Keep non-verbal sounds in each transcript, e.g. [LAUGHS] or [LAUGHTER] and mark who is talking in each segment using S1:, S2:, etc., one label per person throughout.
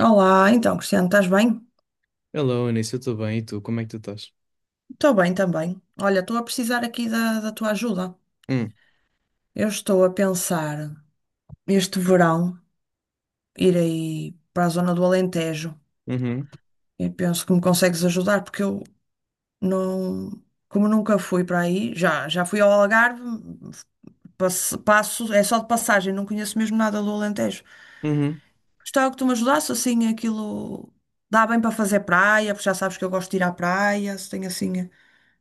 S1: Olá, então, Cristiano, estás bem?
S2: Hello, Anísio, eu estou bem, e tu, como é que tu estás?
S1: Estou bem também. Olha, estou a precisar aqui da tua ajuda.
S2: Hum,
S1: Eu estou a pensar este verão ir aí para a zona do Alentejo
S2: uhum,
S1: e penso que me consegues ajudar porque eu não, como nunca fui para aí, já fui ao Algarve, é só de passagem, não conheço mesmo nada do Alentejo.
S2: uhum,
S1: Gostava que tu me ajudasse assim, aquilo dá bem para fazer praia, porque já sabes que eu gosto de ir à praia, se tem assim,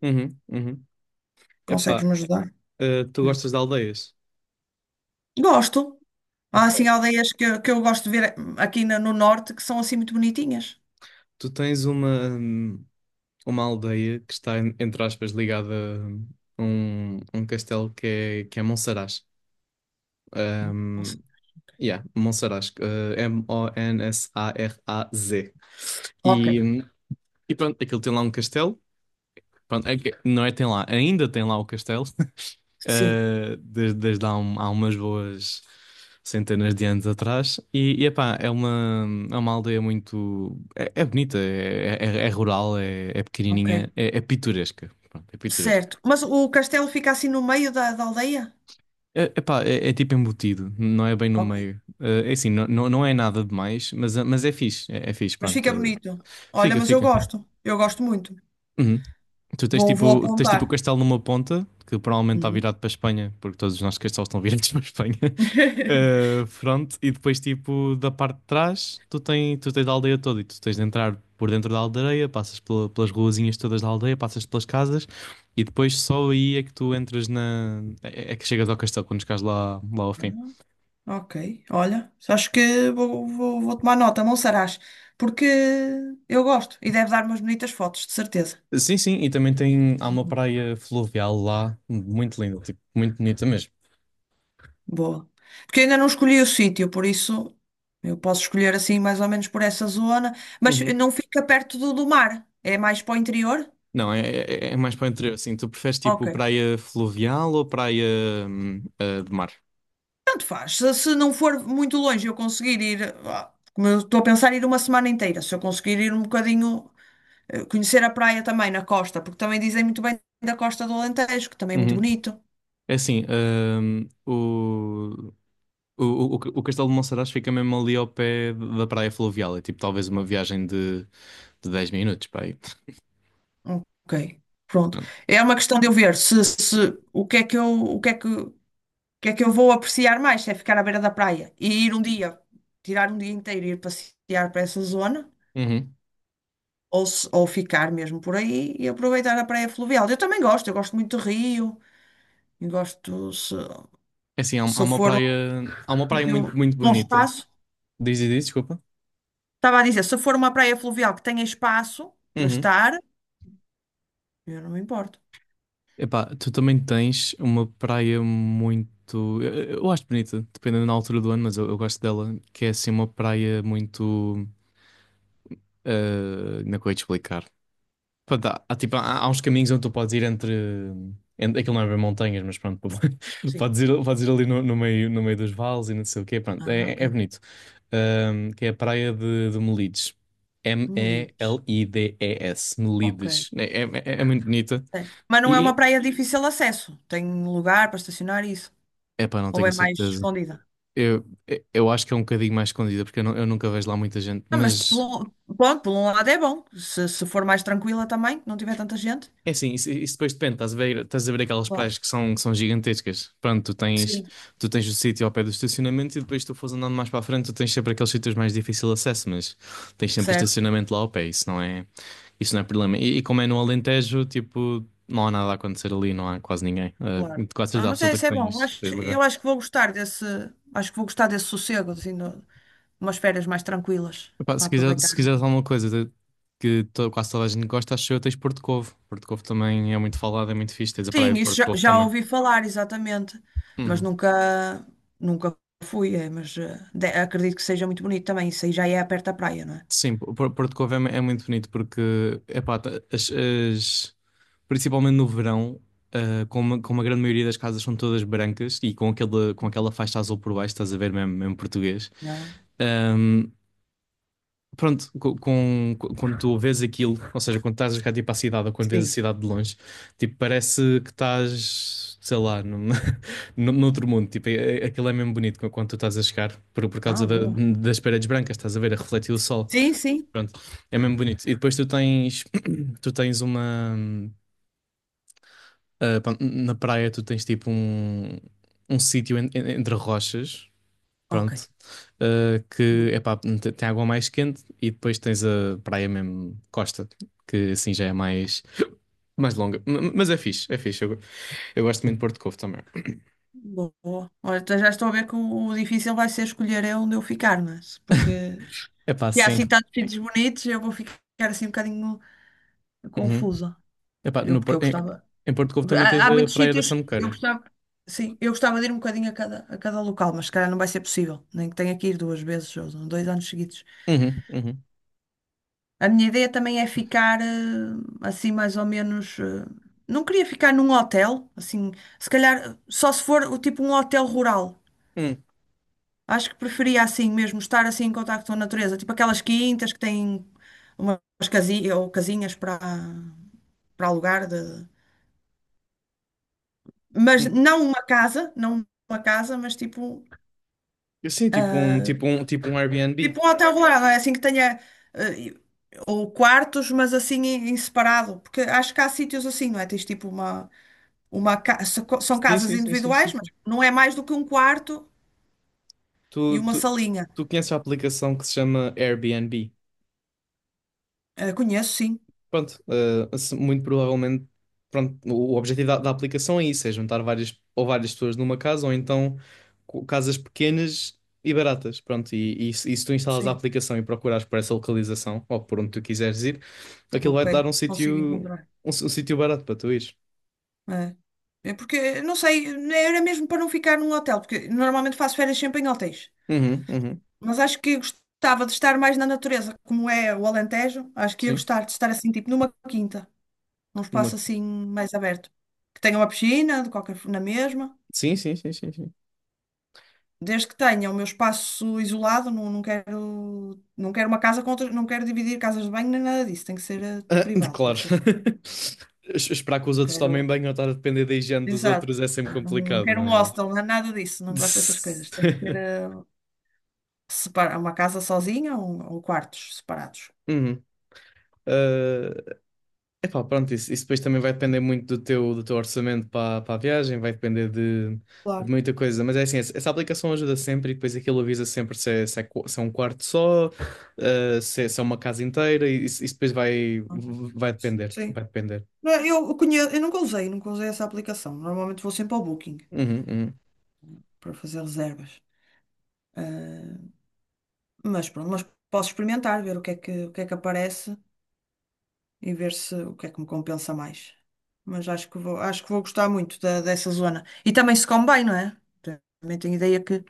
S2: uhum, uhum.
S1: consegues
S2: Epá,
S1: me ajudar?
S2: tu gostas de aldeias?
S1: Gosto. Há
S2: Ok.
S1: assim aldeias que eu gosto de ver aqui no norte que são assim muito bonitinhas.
S2: Tu tens uma aldeia que está, entre aspas, ligada a um castelo que é Monsaraz.
S1: Não sei.
S2: Um, yeah, Monsaraz. M-O-N-S-A-R-A-Z.
S1: Ok,
S2: E, hum, e pronto, aquilo tem lá um castelo. Pronto, não é tem lá, ainda tem lá o castelo. [LAUGHS]
S1: sim,
S2: Desde há, há umas boas centenas de anos atrás. E epá, é uma aldeia muito. É, é, bonita, é rural, é
S1: ok.
S2: pequenininha, é pitoresca. Pronto, é pitoresca.
S1: Certo. Mas o castelo fica assim no meio da aldeia?
S2: É, epá, é tipo embutido, não é bem no
S1: Ok.
S2: meio. É assim, não, não, não é nada demais, mas é fixe, é fixe,
S1: Mas
S2: pronto.
S1: fica bonito. Olha,
S2: Fica,
S1: mas eu
S2: fica.
S1: gosto. Eu gosto muito.
S2: Uhum. Tu tens
S1: Vou
S2: tipo, tens tipo o
S1: apontar.
S2: castelo numa ponta, que provavelmente está
S1: Uhum.
S2: virado para a Espanha, porque todos os nossos castelos estão [LAUGHS] virados para a Espanha. [LAUGHS]
S1: [LAUGHS]
S2: Pronto, e depois tipo da parte de trás, tu tens a aldeia toda e tu tens de entrar por dentro da aldeia, passas pelas ruazinhas todas da aldeia, passas pelas casas e depois só aí é que tu entras na... é que chegas ao castelo quando chegas lá, ao fim.
S1: Ok, olha. Acho que vou tomar nota, Monsaraz, porque eu gosto e deve dar umas bonitas fotos, de certeza.
S2: Sim, sim, e também tem, há uma praia fluvial lá, muito linda, tipo, muito bonita mesmo.
S1: Boa. Porque eu ainda não escolhi o sítio, por isso eu posso escolher assim mais ou menos por essa zona, mas não fica perto do mar, é mais para o interior?
S2: Não, é mais para o interior, assim. Tu preferes
S1: Ok.
S2: tipo praia fluvial ou praia de mar?
S1: Tanto faz. Se não for muito longe, eu conseguir ir, como eu estou a pensar ir uma semana inteira, se eu conseguir ir um bocadinho, conhecer a praia também na costa, porque também dizem muito bem da costa do Alentejo, que também é muito
S2: Uhum.
S1: bonito.
S2: É assim, o, o Castelo de Monsaraz fica mesmo ali ao pé da praia fluvial. É tipo talvez uma viagem de 10 minutos para aí.
S1: Ok. Pronto.
S2: Pronto.
S1: É uma questão de eu ver se o que é que eu, o que é que eu vou apreciar mais? Se é ficar à beira da praia e ir um dia, tirar um dia inteiro e ir passear para essa zona,
S2: Uhum.
S1: ou, se- ou ficar mesmo por aí e aproveitar a praia fluvial. Eu gosto muito de rio, e gosto, se,
S2: É assim, há, há
S1: se
S2: uma
S1: for um
S2: praia, há uma praia muito,
S1: sítio
S2: muito
S1: com
S2: bonita.
S1: espaço,
S2: Diz e diz, desculpa.
S1: estava a dizer, se for uma praia fluvial que tenha espaço para
S2: Uhum.
S1: estar, eu não me importo.
S2: Epá, tu também tens uma praia muito. Eu acho bonita, dependendo da altura do ano, mas eu gosto dela, que é assim uma praia muito. Como é que eu ia te explicar? Pronto, tipo, há, há uns caminhos onde tu podes ir Entre aquilo não é bem montanhas, mas pronto, [LAUGHS]
S1: Sim.
S2: podes ir, ali no meio dos vales e não sei o quê, pronto,
S1: Ah, ok.
S2: é bonito. Que é a praia de Melides.
S1: Molinos.
S2: M-E-L-I-D-E-S,
S1: Ok.
S2: Melides. É muito bonita.
S1: Certo. Mas não é
S2: E,
S1: uma praia de difícil acesso. Tem lugar para estacionar e isso.
S2: epá, não
S1: Ou
S2: tenho
S1: é mais
S2: certeza.
S1: escondida?
S2: Eu, eu acho que é um bocadinho mais escondida, porque eu nunca vejo lá muita gente.
S1: Ah,
S2: Mas
S1: pronto, por um lado é bom. Se for mais tranquila também, não tiver tanta gente.
S2: é assim, isso depois depende. Estás a ver aquelas
S1: Claro.
S2: praias que são gigantescas. Pronto, tu
S1: Sim,
S2: tens, tu tens o sítio ao pé do estacionamento e depois tu fores andando mais para a frente, tu tens sempre aqueles sítios mais difícil de acesso, mas tens sempre o
S1: certo.
S2: estacionamento lá ao pé. Isso não é problema. E como é no Alentejo, tipo, não há nada a acontecer ali, não há quase ninguém. Ah,
S1: Claro.
S2: quase
S1: Ah,
S2: certeza absoluta
S1: isso
S2: que
S1: é bom. Eu
S2: tens
S1: acho,
S2: lugar.
S1: eu acho que vou gostar desse. Acho que vou gostar desse sossego, assim, de umas férias mais tranquilas
S2: Epá,
S1: para
S2: se quiser,
S1: aproveitar.
S2: se quiseres alguma coisa que quase toda a gente gosta, acho eu, tens Porto Covo. Porto Covo também é muito falado, é muito fixe. Tens a
S1: Sim,
S2: praia de
S1: isso
S2: Porto
S1: já,
S2: Covo
S1: já
S2: também.
S1: ouvi falar, exatamente. Mas
S2: Uhum.
S1: nunca fui, é, mas acredito que seja muito bonito também. Isso aí já é perto da praia, não
S2: Sim, Porto Covo é muito bonito porque, epá, principalmente no verão, ah, como a grande maioria das casas são todas brancas e com aquela, faixa azul por baixo, estás a ver mesmo, mesmo português.
S1: é?
S2: Pronto, quando tu vês aquilo, ou seja, quando estás a chegar tipo à cidade ou quando vês a
S1: Sim.
S2: cidade de longe, tipo, parece que estás, sei lá, num, [LAUGHS] noutro mundo. Tipo, aquilo é mesmo bonito quando tu estás a chegar, por
S1: Ah,
S2: causa
S1: boa.
S2: das paredes brancas, estás a ver, a refletir o sol.
S1: Sim, sim.
S2: Pronto, é mesmo bonito. E depois tu tens, [COUGHS] [CLEARS THROAT] tu tens uma, ah, pá, na praia tu tens tipo um sítio entre rochas.
S1: Ok.
S2: Pronto.
S1: Boa.
S2: Que epá, tem água mais quente e depois tens a praia mesmo Costa, que assim já é mais, mais longa. Mas é fixe, é fixe. Eu gosto muito de Porto Covo também.
S1: Boa. Olha, então já estou a ver que o difícil vai ser escolher é onde eu ficar, mas porque
S2: Epá,
S1: se há
S2: sim.
S1: assim tantos sítios bonitos, eu vou ficar assim um bocadinho
S2: Uhum.
S1: confusa.
S2: Epá,
S1: Eu,
S2: no,
S1: porque eu
S2: Por- em,
S1: gostava.
S2: em Porto Covo também
S1: Há,
S2: tens
S1: há
S2: a
S1: muitos
S2: praia da
S1: sítios, eu
S2: Samuqueira.
S1: gostava. Sim, eu gostava de ir um bocadinho a cada local, mas se calhar não vai ser possível. Nem que tenha que ir 2 vezes ou 2 anos seguidos.
S2: Uhum, uhum.
S1: A minha ideia também é ficar assim mais ou menos. Não queria ficar num hotel, assim, se calhar só se for o tipo um hotel rural.
S2: Hum,
S1: Acho que preferia assim mesmo estar assim em contacto com a natureza, tipo aquelas quintas que têm umas casinhas ou casinhas para alugar de... Mas
S2: hum.
S1: não uma casa, não uma casa, mas tipo
S2: Eu sim, tipo um Airbnb.
S1: tipo um hotel rural, não é assim que tenha eh, ou quartos, mas assim em separado, porque acho que há sítios assim, não é? Tens tipo São
S2: Sim,
S1: casas
S2: sim, sim, sim, sim,
S1: individuais, mas
S2: sim.
S1: não é mais do que um quarto
S2: Tu,
S1: e uma
S2: tu,
S1: salinha.
S2: tu conheces a aplicação que se chama Airbnb?
S1: Conheço, sim,
S2: Pronto, muito provavelmente, pronto, o objetivo da aplicação é isso, é juntar várias pessoas numa casa ou então casas pequenas e baratas, pronto, e se tu instalas a
S1: sim,
S2: aplicação e procurares por essa localização ou por onde tu quiseres ir, aquilo
S1: ok,
S2: vai-te dar um
S1: consigo
S2: sítio
S1: encontrar.
S2: um sítio barato para tu ires.
S1: É. É porque, não sei, era mesmo para não ficar num hotel, porque normalmente faço férias sempre em hotéis.
S2: Uhum, uhum,
S1: Mas acho que gostava de estar mais na natureza, como é o Alentejo. Acho que ia
S2: sim,
S1: gostar de estar assim, tipo numa quinta, num
S2: numa...
S1: espaço assim mais aberto. Que tenha uma piscina, de qualquer, na mesma.
S2: Sim, sim, sim, sim, sim.
S1: Desde que tenha o meu espaço isolado, não, não quero, não quero uma casa com outras, não quero dividir casas de banho nem nada disso. Tem que ser
S2: Ah, [LAUGHS]
S1: privado, tem que
S2: claro.
S1: ser só para mim.
S2: [LAUGHS] Esperar que os
S1: Não
S2: outros tomem
S1: quero,
S2: banho ou estar a depender da higiene dos outros
S1: exato.
S2: é sempre
S1: Não, não
S2: complicado,
S1: quero um
S2: não?
S1: hostel, não é nada disso. Não gosto dessas coisas. Tem que ser
S2: [LAUGHS]
S1: uma casa sozinha ou quartos separados.
S2: Uhum. é Epá, pronto, isso depois também vai depender muito do teu, orçamento para a viagem, vai depender de,
S1: Claro.
S2: muita coisa, mas é assim, essa aplicação ajuda sempre e depois aquilo avisa sempre se é um quarto só, ah, se é uma casa inteira, e isso depois vai,
S1: Uhum.
S2: vai depender,
S1: Sim.
S2: vai depender.
S1: Não, Eu conheço, eu nunca usei essa aplicação. Normalmente vou sempre ao Booking
S2: Uhum, uhum.
S1: para fazer reservas. Eh, Mas pronto, mas posso experimentar, ver o que é que aparece. E ver se o que é que me compensa mais. Mas acho que vou gostar muito dessa zona. E também se come bem, não é? Também tenho ideia que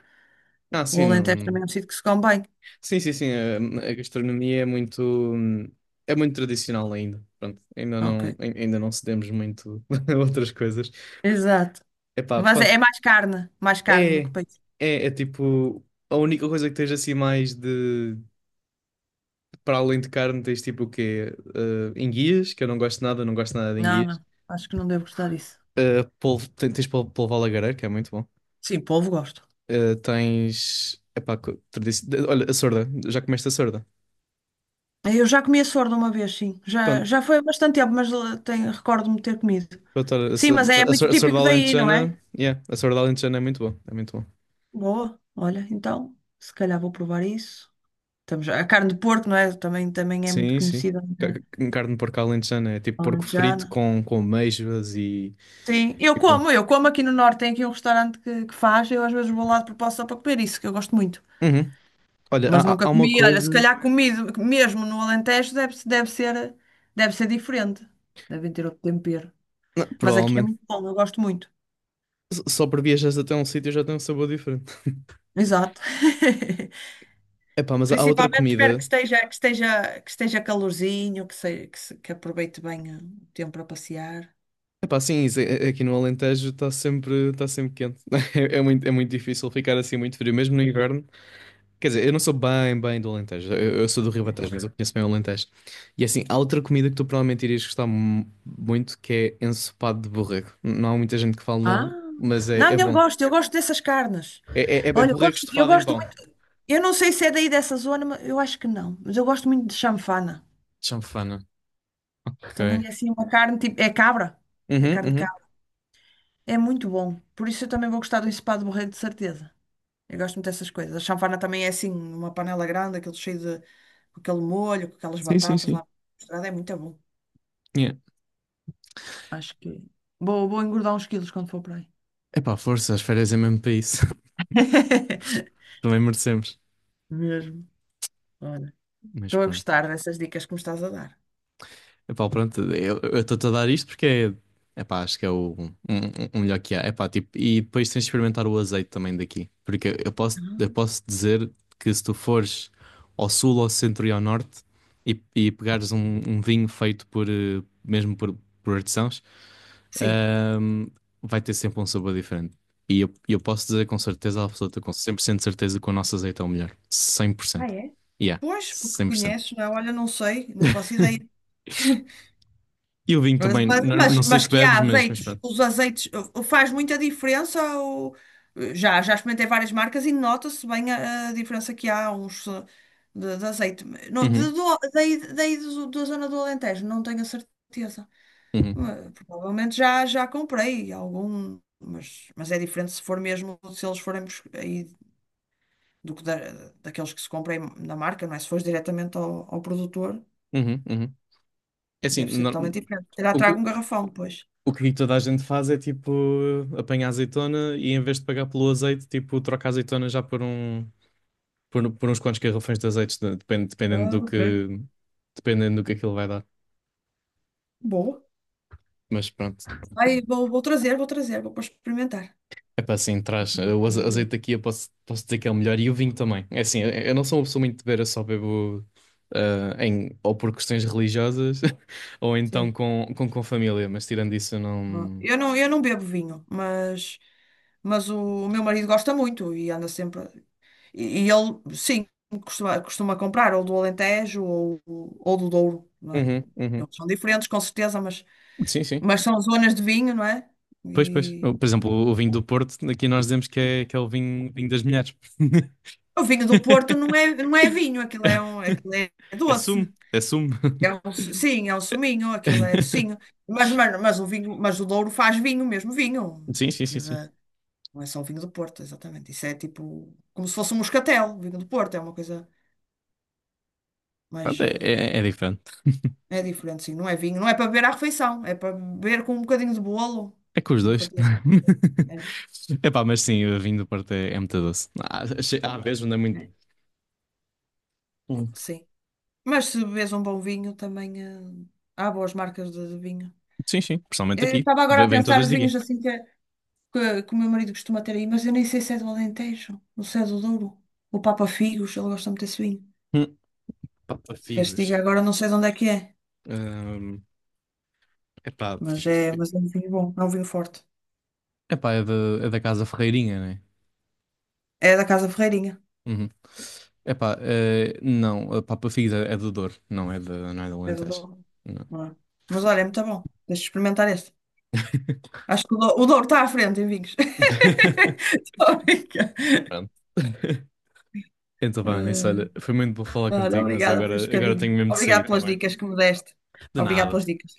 S2: Ah,
S1: o
S2: sim,
S1: Alentejo também
S2: não.
S1: é um sítio que se come bem.
S2: Sim, sim, sim, a gastronomia é muito tradicional ainda, pronto, ainda não,
S1: Ok.
S2: ai- ainda não cedemos muito [LAUGHS] a outras coisas.
S1: Exato.
S2: Epá,
S1: Mas é,
S2: pronto.
S1: é mais carne
S2: É,
S1: do que peixe.
S2: é tipo, a única coisa que tens assim para além de carne, tens tipo o quê? Enguias, que eu não gosto nada, não gosto nada de
S1: Não,
S2: enguias.
S1: não. Acho que não devo gostar disso.
S2: Polvo, tens polvo, polvo à lagareira, que é muito bom.
S1: Sim, polvo gosto.
S2: Tens, epá, olha, a sorda, já comeste a sorda.
S1: Eu já comi a sorda uma vez, sim. Já,
S2: Pronto,
S1: já foi há bastante tempo, mas recordo-me de ter comido.
S2: pronto, olha,
S1: Sim, mas é muito
S2: a sorda
S1: típico daí, não é?
S2: alentejana, yeah, a sorda alentejana é muito bom, é muito bom.
S1: Boa. Olha, então, se calhar vou provar isso. A carne de porco, não é? Também é muito
S2: Sim, sim.
S1: conhecida, não é?
S2: Carne de porco alentejana é tipo porco frito
S1: Alentejana.
S2: com amêijoas
S1: Sim, eu
S2: e pronto.
S1: como, eu como aqui no Norte, tem aqui um restaurante que faz, eu às vezes vou lá de propósito só para comer isso, que eu gosto muito.
S2: Uhum. Olha,
S1: Mas
S2: há, há
S1: nunca
S2: há uma
S1: comi, olha, se
S2: coisa.
S1: calhar comido mesmo no Alentejo deve ser diferente. Devem ter outro tempero.
S2: Não,
S1: Mas aqui é
S2: provavelmente.
S1: muito bom, eu gosto muito.
S2: Só por viajar até um sítio já tem um sabor diferente. [LAUGHS]
S1: Exato. [LAUGHS]
S2: Epá, mas há outra
S1: Principalmente espero que
S2: comida.
S1: esteja, que esteja, que esteja calorzinho, que, se, que, se- que aproveite bem o tempo para passear.
S2: Epá, sim, isso, aqui no Alentejo tá sempre quente. [LAUGHS] É, é muito difícil ficar assim muito frio, mesmo no inverno. Quer dizer, eu não sou bem, bem do Alentejo. Eu sou do Ribatejo, mas eu conheço bem o Alentejo. E assim, há outra comida que tu provavelmente irias gostar muito, que é ensopado de borrego. Não há muita gente que fala
S1: Ah,
S2: nele, mas é
S1: não, eu
S2: bom.
S1: gosto, eu gosto dessas carnes.
S2: É, é
S1: Olha, eu
S2: borrego
S1: gosto, eu
S2: estufado em
S1: gosto
S2: pão.
S1: muito. Eu não sei se é daí dessa zona, mas eu acho que não. Mas eu gosto muito de chanfana.
S2: Chanfana. Ok.
S1: Também é assim uma carne tipo. É cabra. É
S2: Uhum,
S1: carne de
S2: uhum.
S1: cabra. É muito bom. Por isso eu também vou gostar do ensopado de borrego, de certeza. Eu gosto muito dessas coisas. A chanfana também é assim, uma panela grande, aquele cheio de com aquele molho, com aquelas
S2: Sim, sim,
S1: batatas lá
S2: sim.
S1: misturadas, é muito bom. Acho que vou engordar uns quilos quando for para aí.
S2: Epá, força, as férias é mesmo para isso. [LAUGHS]
S1: [LAUGHS]
S2: Também merecemos.
S1: Mesmo. Olha,
S2: Mas
S1: estou a
S2: pronto.
S1: gostar dessas dicas que me estás a dar.
S2: Epá, pronto, eu estou-te a dar isto porque é. Epá, acho que é o melhor que há. Epá, tipo, e depois tens de experimentar o azeite também daqui. Porque eu posso, eu
S1: Ah.
S2: posso dizer que se tu fores ao sul, ao centro e ao norte e pegares um vinho feito mesmo por artesãos,
S1: Sim.
S2: ahm, vai ter sempre um sabor diferente. E eu posso dizer com certeza absoluta, com 100% de certeza que o nosso azeite é o melhor.
S1: Ah,
S2: 100%.
S1: é?
S2: Yeah,
S1: Pois, porque
S2: 100%.
S1: conheces, não é? Olha, não sei, não faço ideia.
S2: E o vinho
S1: Mas,
S2: também,
S1: mas, mas,
S2: não sei
S1: mas
S2: se
S1: que há
S2: bebes, mas,
S1: azeites,
S2: pronto.
S1: os azeites faz muita diferença. Ou, já experimentei várias marcas e nota-se bem a diferença que há uns de azeite. Não, de,
S2: Uhum,
S1: do, daí, daí do- da zona do Alentejo, não tenho a certeza.
S2: uhum,
S1: Mas, provavelmente já comprei algum, mas é diferente se for mesmo, se eles forem aí do que daqueles que se comprem na marca, não é? Se fores diretamente ao produtor,
S2: uhum, uhum. É assim,
S1: deve ser totalmente diferente. Terá
S2: o,
S1: trago
S2: o,
S1: um garrafão depois.
S2: o que toda a gente faz é tipo apanhar azeitona e em vez de pagar pelo azeite, tipo troca a azeitona já por uns quantos garrafões de azeite, depende, dependendo
S1: Ah,
S2: do
S1: ok.
S2: que dependendo do que aquilo vai dar.
S1: Boa.
S2: Mas pronto.
S1: Aí vou para experimentar.
S2: Epá, sim, traz. O
S1: Sim.
S2: azeite aqui eu posso dizer que é o melhor e o vinho também. É assim, eu não sou uma pessoa muito de beber, eu só bebo ou por questões religiosas [LAUGHS] ou então
S1: Sim.
S2: com, com família, mas tirando isso eu não.
S1: Eu não bebo vinho, mas meu marido gosta muito e anda sempre. E ele, sim, costuma comprar ou do Alentejo ou do Douro, não é?
S2: Uhum, uhum.
S1: Eles são diferentes, com certeza, mas,
S2: Sim, sim.
S1: mas são zonas de vinho, não é?
S2: Pois, pois.
S1: E
S2: Por exemplo, o vinho do Porto, aqui nós dizemos que é o vinho, vinho das mulheres.
S1: o vinho do Porto
S2: [LAUGHS]
S1: não é vinho, aquilo é, aquilo é doce.
S2: Assumo, assumo.
S1: Sim, é um suminho, aquilo é docinho.
S2: [LAUGHS]
S1: Mas o Douro faz vinho, mesmo vinho.
S2: Sim, sim, sim,
S1: Aquilo
S2: sim.
S1: é- não é só o vinho do Porto, exatamente. Isso é tipo, como se fosse um moscatel, o vinho do Porto, é uma coisa,
S2: Pronto,
S1: mas
S2: É, é, é diferente.
S1: é diferente, sim. Não é vinho, não é para beber à refeição, é para beber com um bocadinho de bolo.
S2: É com os
S1: Uma
S2: dois.
S1: fatia. É,
S2: [LAUGHS] Epá, mas sim, vinho do Porto é muito doce. Há vezes onde é muito
S1: é,
S2: doce. Hum.
S1: sim. Mas se bebes um bom vinho, também há boas marcas de vinho.
S2: Sim, sim, principalmente
S1: Eu
S2: aqui.
S1: estava agora
S2: Ve-
S1: a
S2: Vem
S1: pensar
S2: todas
S1: os
S2: de aqui.
S1: vinhos assim que o meu marido costuma ter aí, mas eu nem sei se é do Alentejo, ou se é do Douro. O Papa Figos, ele gosta muito desse vinho.
S2: Hum. Pá,
S1: Se queres que diga
S2: figos.
S1: agora, não sei de onde é que é,
S2: Hum. Epá,
S1: mas
S2: figo,
S1: é, mas é
S2: figo.
S1: um vinho bom, é um vinho forte.
S2: Epá, é da Casa Ferreirinha, né?
S1: É da Casa Ferreirinha,
S2: Uhum. Epá, não, a Papa Figos é do Douro, não é do
S1: é do
S2: Alentejo.
S1: Douro,
S2: Não.
S1: não é? Mas olha, é muito bom. Deixa eu experimentar este. Acho que o Douro está à frente em vinhos. [LAUGHS]
S2: [LAUGHS]
S1: Estou a brincar.
S2: Pronto. Então, vá, nisso,
S1: Eh,
S2: olha, foi muito bom falar
S1: Olha,
S2: contigo, mas eu
S1: obrigada por este
S2: agora, agora
S1: bocadinho.
S2: tenho mesmo de
S1: Obrigada
S2: sair, tá
S1: pelas
S2: bem?
S1: dicas que me deste.
S2: De
S1: Obrigada
S2: nada.
S1: pelas dicas.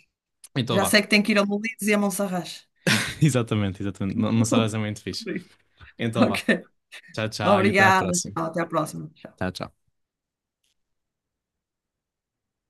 S2: Então,
S1: Já
S2: vá.
S1: sei que tenho que ir a Molinos e a Monserrate.
S2: [LAUGHS] Exatamente, exatamente. Não uma sorazinha
S1: [LAUGHS]
S2: muito fixe. Então vá.
S1: Ok.
S2: Tchau, tchau e até à
S1: Obrigada,
S2: próxima.
S1: tchau, até a próxima. Tchau.
S2: Tchau, tchau.